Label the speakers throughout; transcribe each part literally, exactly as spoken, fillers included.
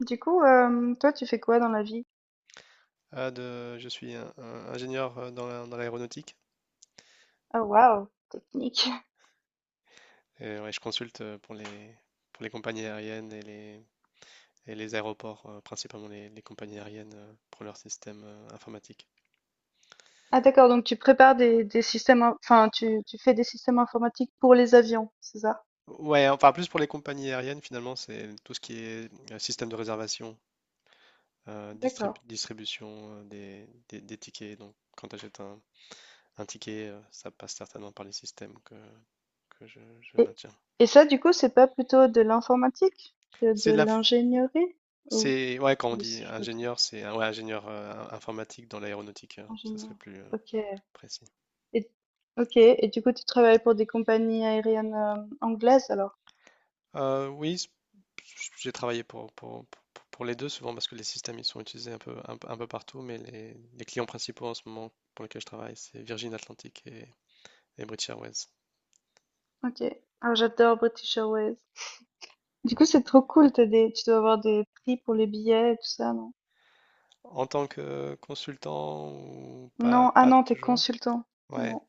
Speaker 1: Du coup, hem, toi, tu fais quoi dans la vie?
Speaker 2: Ah, de, je suis un- un ingénieur euh, dans la- dans l'aéronautique.
Speaker 1: Oh waouh, technique.
Speaker 2: Et ouais, je consulte euh, pour les, pour les compagnies aériennes et les, et les aéroports, euh, principalement les, les compagnies aériennes euh, pour leur système euh, informatique.
Speaker 1: Ah d'accord, donc tu prépares des des systèmes in enfin tu tu fais des systèmes informatiques pour les avions, c'est ça?
Speaker 2: Ouais, enfin plus pour les compagnies aériennes finalement, c'est tout ce qui est euh, système de réservation, euh, distrib-
Speaker 1: D'accord.
Speaker 2: distribution euh, des, des- des tickets. Donc quand tu achètes un, un ticket, euh, ça passe certainement par les systèmes que, que je, je
Speaker 1: Et
Speaker 2: maintiens.
Speaker 1: et ça, du coup, c'est pas plutôt de l'informatique que
Speaker 2: C'est
Speaker 1: de
Speaker 2: de la,
Speaker 1: l'ingénierie? Ou
Speaker 2: C'est, ouais, quand on
Speaker 1: Ou
Speaker 2: dit
Speaker 1: si je me trompe,
Speaker 2: ingénieur, c'est un- ouais, ingénieur euh, in- informatique dans l'aéronautique, euh, ça serait
Speaker 1: ingénieur.
Speaker 2: plus euh,
Speaker 1: OK
Speaker 2: précis.
Speaker 1: et OK et du coup, tu travailles pour des compagnies aériennes, hem, anglaises alors?
Speaker 2: Euh, oui, s- j'ai travaillé pour, pour, pour- pour les deux souvent parce que les systèmes ils sont utilisés un peu, un, peu un peu partout, mais les, les clients principaux en ce moment pour lesquels je travaille, c'est Virgin Atlantic et, et British Airways.
Speaker 1: OK. Ah, j'adore British Airways. Du coup, c'est trop cool, tu as des tu dois avoir des prix pour les billets et tout ça, non?
Speaker 2: En tant que consultant ou pas,
Speaker 1: Non, ah
Speaker 2: pas
Speaker 1: non, t'es
Speaker 2: toujours,
Speaker 1: consultant.
Speaker 2: ouais.
Speaker 1: Non,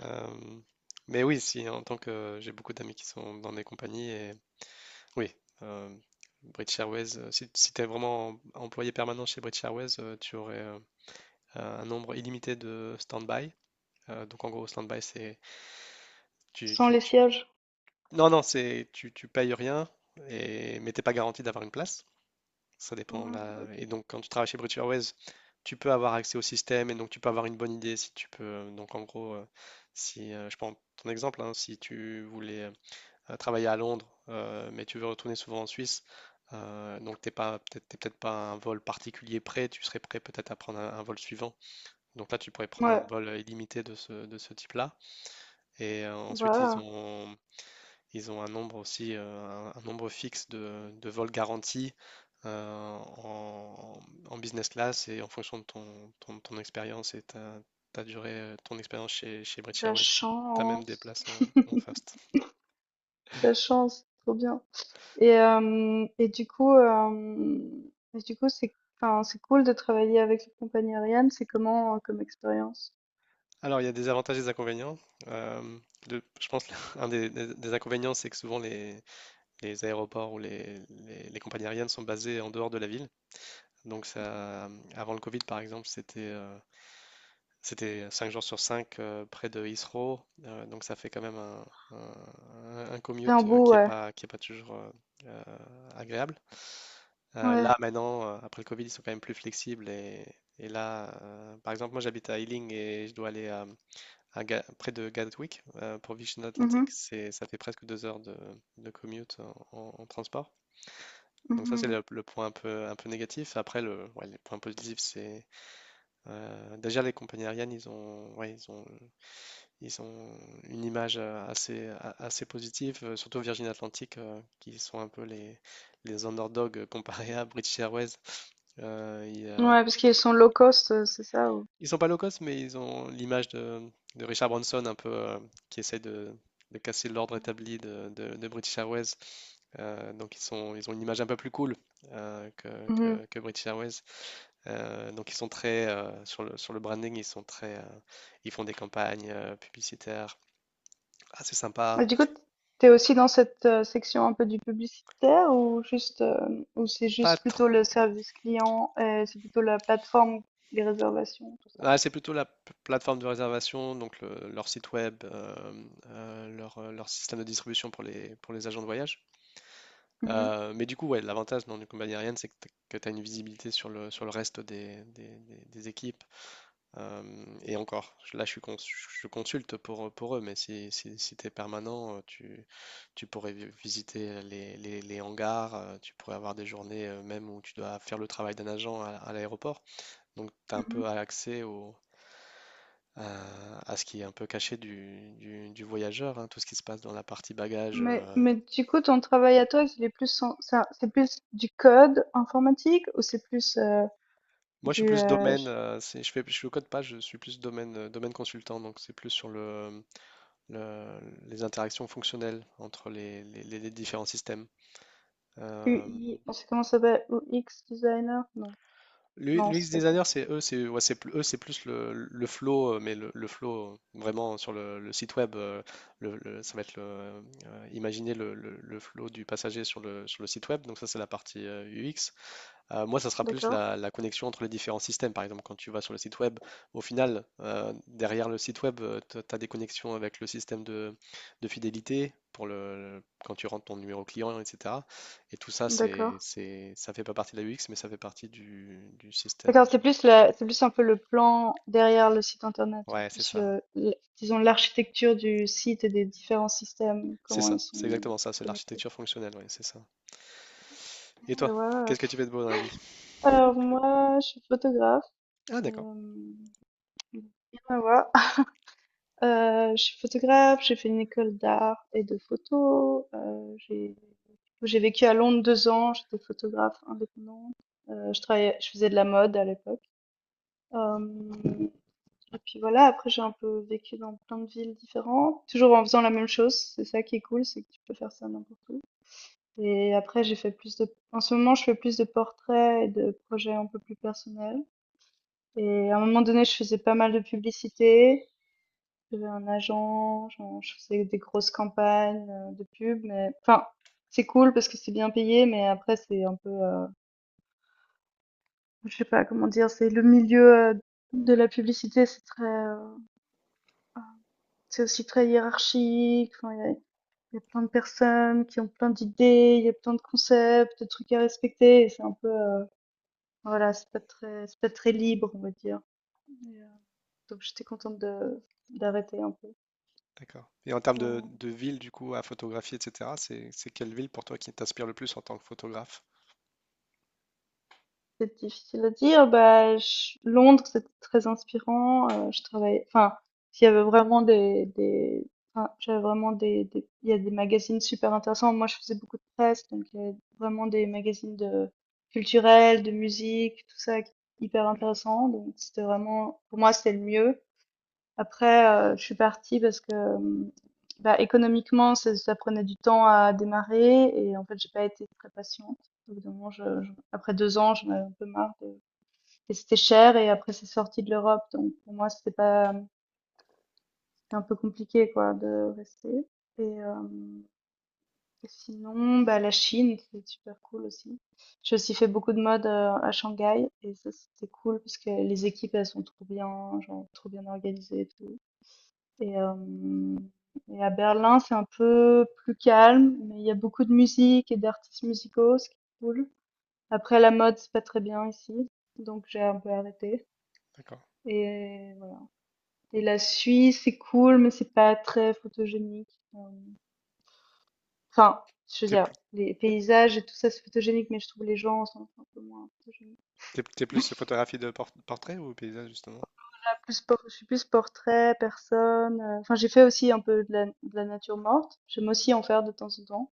Speaker 2: euh, mais oui, si, en tant que j'ai beaucoup d'amis qui sont dans des compagnies et oui, euh, British Airways, euh, si, si tu es vraiment em- employé permanent chez British Airways, euh, tu aurais euh, un nombre illimité de stand-by. Euh, donc en gros, stand-by, c'est... Tu,
Speaker 1: sans
Speaker 2: tu-
Speaker 1: les
Speaker 2: tu-
Speaker 1: sièges.
Speaker 2: Non, non, c'est tu, tu payes rien, et... mais t'es pas garanti d'avoir une place. Ça dépend
Speaker 1: Ah,
Speaker 2: là.
Speaker 1: ok.
Speaker 2: Et donc quand tu travailles chez British Airways, tu peux avoir accès au système et donc tu peux avoir une bonne idée si tu peux. euh, Donc en gros, euh, si euh, je prends ton exemple, hein, si tu voulais euh, euh, travailler à Londres, euh, mais tu veux retourner souvent en Suisse, euh, donc t'es pas, peut-être, t'es peut-être pas à un vol particulier prêt, tu serais prêt peut-être à prendre un, un vol suivant. Donc là, tu pourrais prendre un
Speaker 1: Ouais,
Speaker 2: vol illimité de ce, de ce type-là. Et euh, ensuite, ils
Speaker 1: voilà,
Speaker 2: ont, ils ont un nombre aussi, euh, un, un nombre fixe de, de vols garantis euh, en, en business class et en fonction de ton, ton, ton expérience et ta, ta durée, euh, ton expérience chez, chez British
Speaker 1: la
Speaker 2: Airways, tu as même des
Speaker 1: chance,
Speaker 2: places en, en first.
Speaker 1: la chance, trop bien. Et, euh, et du coup, euh, et du coup, c'est, enfin, C'est cool de travailler avec les compagnies aériennes. C'est comment euh, comme expérience?
Speaker 2: Alors, il y a des avantages et des inconvénients. Euh, le- je pense qu'un des, des- des inconvénients, c'est que souvent les, les aéroports ou les, les- les compagnies aériennes sont basées en dehors de la ville. Donc, ça, avant le Covid, par exemple, c'était euh, c'était cinq jours sur cinq euh, près de Heathrow. Euh, donc, ça fait quand même un, un- un
Speaker 1: C'est un
Speaker 2: commute euh,
Speaker 1: beau,
Speaker 2: qui n'est
Speaker 1: ouais,
Speaker 2: pas, qui est pas toujours euh, euh, agréable. Euh,
Speaker 1: ouais,
Speaker 2: là, maintenant, euh, après le Covid, ils sont quand même plus flexibles. Et, et là, euh, par exemple, moi, j'habite à Ealing et je dois aller à à Ga- près de Gatwick, euh, pour Virgin Atlantic,
Speaker 1: mhm,
Speaker 2: c'est, ça fait presque deux heures de, de commute en, en- transport. Donc ça, c'est
Speaker 1: mhm.
Speaker 2: le, le point un peu, un peu négatif. Après, le, ouais, les points positifs, c'est euh, déjà les compagnies aériennes, ils ont, ouais, ils ont, ils ont une image euh, assez, a- assez positive, euh, surtout Virgin Atlantic, euh, qui sont un peu les, les underdogs euh, comparés à British Airways. Euh, il y a-
Speaker 1: Ouais, parce qu'ils sont low cost, euh, c'est ça.
Speaker 2: Ils sont pas low cost, mais ils ont l'image de, de Richard Branson un peu euh, qui essaie de, de casser l'ordre établi de, de- de British Airways. Euh, donc ils sont, ils ont une image un peu plus cool euh, que,
Speaker 1: ou-
Speaker 2: que- que British Airways. Euh, donc ils sont très euh, sur le, sur le branding, ils sont très, euh, ils font des campagnes euh, publicitaires assez sympa.
Speaker 1: Et du coup, t'es aussi dans cette euh, section un peu du publicitaire ou juste euh, ou c'est
Speaker 2: Pas
Speaker 1: juste plutôt le
Speaker 2: trop.
Speaker 1: service client et c'est plutôt la plateforme, les réservations, tout ça.
Speaker 2: Ah, c'est plutôt la p- plateforme de réservation, donc le- leur site web, euh, euh, leur, euh, leur système de distribution pour les, pour les agents de voyage.
Speaker 1: Mhm,
Speaker 2: Euh, mais du coup, ouais, l'avantage dans du combat aérien, c'est que tu as une visibilité sur le, sur le reste des, des- des- des équipes. Euh, et encore, là, je suis cons- je consulte pour, pour eux, mais si, si, si tu es permanent, euh, tu, tu pourrais vi- visiter les, les- les hangars, euh, tu pourrais avoir des journées euh, même où tu dois faire le travail d'un agent à, à l'aéroport. Donc, tu as un
Speaker 1: mhm.
Speaker 2: peu accès au, à, à ce qui est un peu caché du, du- du voyageur, hein, tout ce qui se passe dans la partie bagage,
Speaker 1: Mais,
Speaker 2: euh,
Speaker 1: mais du coup, ton travail à toi, il est plus en- ça- c'est plus du code informatique ou c'est plus euh,
Speaker 2: Moi, je suis
Speaker 1: du
Speaker 2: plus
Speaker 1: euh,
Speaker 2: domaine,
Speaker 1: je-
Speaker 2: euh, c'est, je fais, je le code pas, je suis plus domaine, euh, domaine consultant, donc c'est plus sur le, le- les interactions fonctionnelles entre les, les- les- les différents systèmes. Euh,
Speaker 1: U I, c'est comment ça s'appelle? U X designer? Non, non,
Speaker 2: L'U X
Speaker 1: c'est pas ça.
Speaker 2: designer, c'est eux, c'est ouais, c'est plus, eux, c'est plus le, le flow, euh, mais le, le flow euh, vraiment sur le, le site web, euh, le- le- ça va être le, euh, imaginer le, le- le flow du passager sur le, sur le site web, donc ça c'est la partie euh, U X. Euh, moi, ça sera plus
Speaker 1: D'accord,
Speaker 2: la, la connexion entre les différents systèmes. Par exemple, quand tu vas sur le site web, au final, euh, derrière le site web, tu as des connexions avec le système de, de fidélité pour le, quand tu rentres ton numéro client, et cetera. Et tout ça, c'est,
Speaker 1: d'accord.
Speaker 2: c'est, ça fait pas partie de la U X, mais ça fait partie du, du système.
Speaker 1: D'accord, c'est plus la, c'est plus un peu le plan derrière le site internet, ou
Speaker 2: Ouais, c'est
Speaker 1: plus
Speaker 2: ça.
Speaker 1: le, le- disons l'architecture du site et des différents systèmes,
Speaker 2: C'est
Speaker 1: comment
Speaker 2: ça.
Speaker 1: ils
Speaker 2: C'est
Speaker 1: sont.
Speaker 2: exactement ça. C'est l'architecture fonctionnelle. Ouais, c'est ça.
Speaker 1: Eh,
Speaker 2: Et
Speaker 1: ouais,
Speaker 2: toi,
Speaker 1: ouais, ouais.
Speaker 2: qu'est-ce que tu fais de beau dans la vie?
Speaker 1: Alors moi, je suis photographe.
Speaker 2: Ah, d'accord.
Speaker 1: Euh, Rien à voir. Euh, je suis photographe. J'ai fait une école d'art et de photo. Euh, j'ai j'ai vécu à Londres deux ans. J'étais photographe indépendante. Euh, je travaillais, je faisais de la mode à l'époque. Euh, Et puis voilà, après j'ai un peu vécu dans plein de villes différentes, toujours en faisant la même chose. C'est ça qui est cool, c'est que tu peux faire ça n'importe où. Et après j'ai fait plus de... En ce moment, je fais plus de portraits et de projets un peu plus personnels. Et à un moment donné, je faisais pas mal de publicité. J'avais un agent, genre, je faisais des grosses campagnes euh, de pub, mais enfin, c'est cool parce que c'est bien payé, mais après c'est un peu, euh, je sais pas comment dire, c'est le milieu euh, de la publicité, c'est très euh, C'est aussi très hiérarchique. Enfin, il y a, il y a plein de personnes qui ont plein d'idées, il y a plein de concepts, de trucs à respecter. Et c'est un peu, euh, voilà, c'est pas très, c'est pas très libre, on va dire. Et, euh, donc j'étais contente de d'arrêter un peu.
Speaker 2: D'accord. Et en termes de,
Speaker 1: Euh,
Speaker 2: de ville, du coup, à photographier, et cetera, c'est, c'est quelle ville pour toi qui t'inspire le plus en tant que photographe?
Speaker 1: C'est difficile à dire. Bah, ch Londres, c'était très inspirant. Heu, je travaillais, enfin, il y avait vraiment des des enfin, j'avais vraiment des des il y a des magazines super intéressants. Moi, je faisais beaucoup de presse, donc il y avait vraiment des magazines de culturels, de musique, tout ça, qui hyper intéressant. Donc c'était vraiment pour moi, c'était le mieux. Après, euh, je suis partie parce que hum, bah, économiquement, ça, ça prenait du temps à démarrer et en fait, j'ai pas été très patiente. Au bout d'un moment, je- je- après deux ans, j'en avais un peu marre de- et c'était cher et après, c'est sorti de l'Europe, donc pour moi, c'était pas, c'était un peu compliqué quoi de rester. Et, euh, et sinon, bah, la Chine, c'est super cool aussi. J'ai aussi fait beaucoup de mode euh, à Shanghai et ça, c'était cool parce que les équipes, elles sont trop bien, genre trop bien organisées et tout. Et, euh, et à Berlin, c'est un peu plus calme, mais il y a beaucoup de musique et d'artistes musicaux, ce qui est cool. Après, la mode, c'est pas très bien ici, donc j'ai un peu arrêté.
Speaker 2: D'accord.
Speaker 1: Et voilà. Et la Suisse, c'est cool, mais c'est pas très photogénique. Euh, Enfin, je veux
Speaker 2: T'es
Speaker 1: dire,
Speaker 2: plus,
Speaker 1: les paysages et tout ça, c'est photogénique, mais je trouve les gens sont un peu moins photogéniques.
Speaker 2: t'es- T'es plus photographie de por- portrait ou paysage justement?
Speaker 1: Ah, plus, por- je suis plus portrait, personne. euh, Enfin, j'ai fait aussi un peu de la, de la nature morte. J'aime aussi en faire de temps en temps.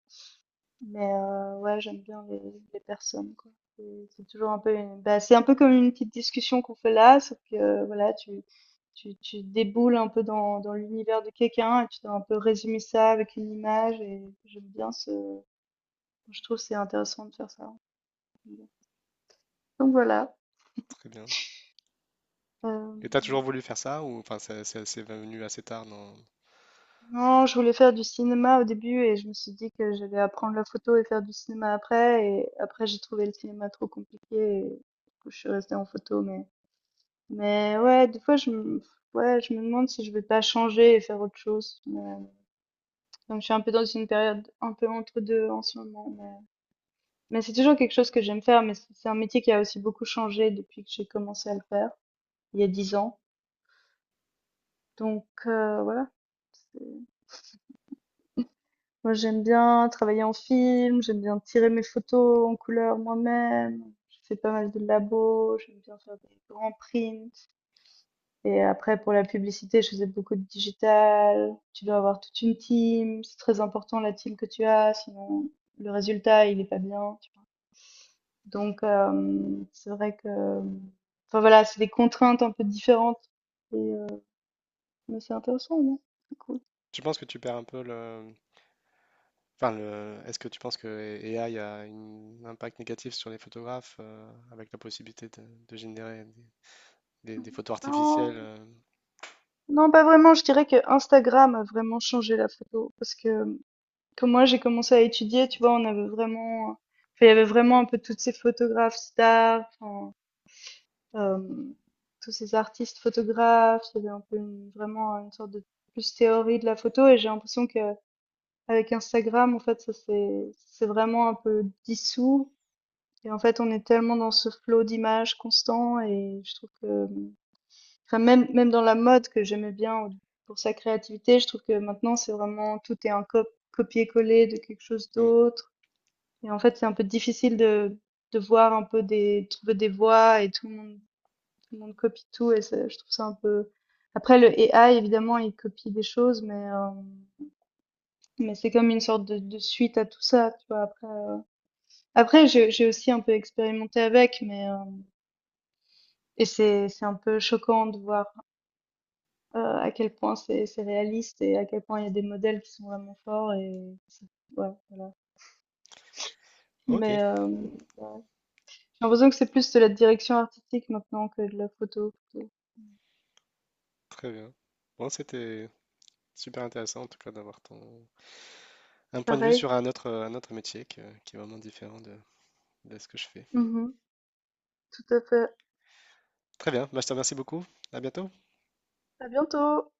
Speaker 1: Mais euh, ouais, j'aime bien les, les personnes, quoi. C'est c'est toujours un peu une... bah, c'est un peu comme une petite discussion qu'on fait là, sauf que euh, voilà, tu, tu, tu déboules un peu dans, dans l'univers de quelqu'un et tu dois un peu résumer ça avec une image et j'aime bien ce... Je trouve que c'est intéressant de faire ça. Donc voilà.
Speaker 2: Très bien.
Speaker 1: Euh,
Speaker 2: Et t'as toujours voulu faire ça ou enfin c'est c'est- c'est venu assez tard dans...
Speaker 1: non, je voulais faire du cinéma au début et je me suis dit que j'allais apprendre la photo et faire du cinéma après. Et après, j'ai trouvé le cinéma trop compliqué et du coup, je suis restée en photo. Mais Mais ouais, des fois, je me, ouais, je me demande si je vais pas changer et faire autre chose. Mais, donc, je suis un peu dans une période un peu entre deux en ce moment. Mais, mais c'est toujours quelque chose que j'aime faire. Mais c'est c'est un métier qui a aussi beaucoup changé depuis que j'ai commencé à le faire, il y a dix ans. Donc, euh, voilà. c'est- Moi, j'aime bien travailler en film. J'aime bien tirer mes photos en couleur moi-même. Je fais pas mal de labos. J'aime bien faire des grands prints. Et après, pour la publicité, je faisais beaucoup de digital. Tu dois avoir toute une team. C'est très important la team que tu as, sinon le résultat, il n'est pas bien, tu vois. Donc, euh, c'est vrai que... Enfin voilà, c'est des contraintes un peu différentes. Et, euh, mais c'est intéressant, non? C'est cool.
Speaker 2: Tu penses que tu perds un peu le... Enfin, le... Est-ce que tu penses que A I a un impact négatif sur les photographes euh, avec la possibilité de, de générer des, des- des photos artificielles
Speaker 1: Non,
Speaker 2: euh,
Speaker 1: non, pas vraiment. Je dirais que Instagram a vraiment changé la photo. Parce que quand moi, j'ai commencé à étudier, tu vois, on avait vraiment... enfin, il y avait vraiment un peu toutes ces photographes stars, enfin, euh, tous ces artistes photographes, il y avait un peu une- vraiment une sorte de plus théorie de la photo et j'ai l'impression que avec Instagram en fait ça c'est c'est vraiment un peu dissous et en fait on est tellement dans ce flot d'images constant et je trouve que enfin, même même dans la mode que j'aimais bien pour sa créativité, je trouve que maintenant c'est vraiment tout est un cop- copier-coller de quelque chose
Speaker 2: mm.
Speaker 1: d'autre et en fait c'est un peu difficile de de voir un peu des trouver des voies et tout le monde tout le monde copie tout et c'est- je trouve ça un peu. Après, le A I, évidemment, il copie des choses, mais, euh, mais c'est comme une sorte de, de suite à tout ça, tu vois. Après, euh, après j'ai j'ai aussi un peu expérimenté avec, mais euh, et c'est c'est un peu choquant de voir euh, à quel point c'est c'est réaliste et à quel point il y a des modèles qui sont vraiment forts et ça- ouais, voilà.
Speaker 2: Ok,
Speaker 1: Mais euh, ouais. J'ai l'impression que c'est plus de la direction artistique maintenant que de la photo, plutôt.
Speaker 2: très bien. Bon, c'était super intéressant en tout cas d'avoir ton... un point de vue
Speaker 1: Pareil.
Speaker 2: sur un autre, un autre métier que- qui est vraiment différent de, de ce que je fais.
Speaker 1: Mhm, tout à fait.
Speaker 2: Très bien, bah, je te remercie beaucoup. À bientôt.
Speaker 1: À bientôt!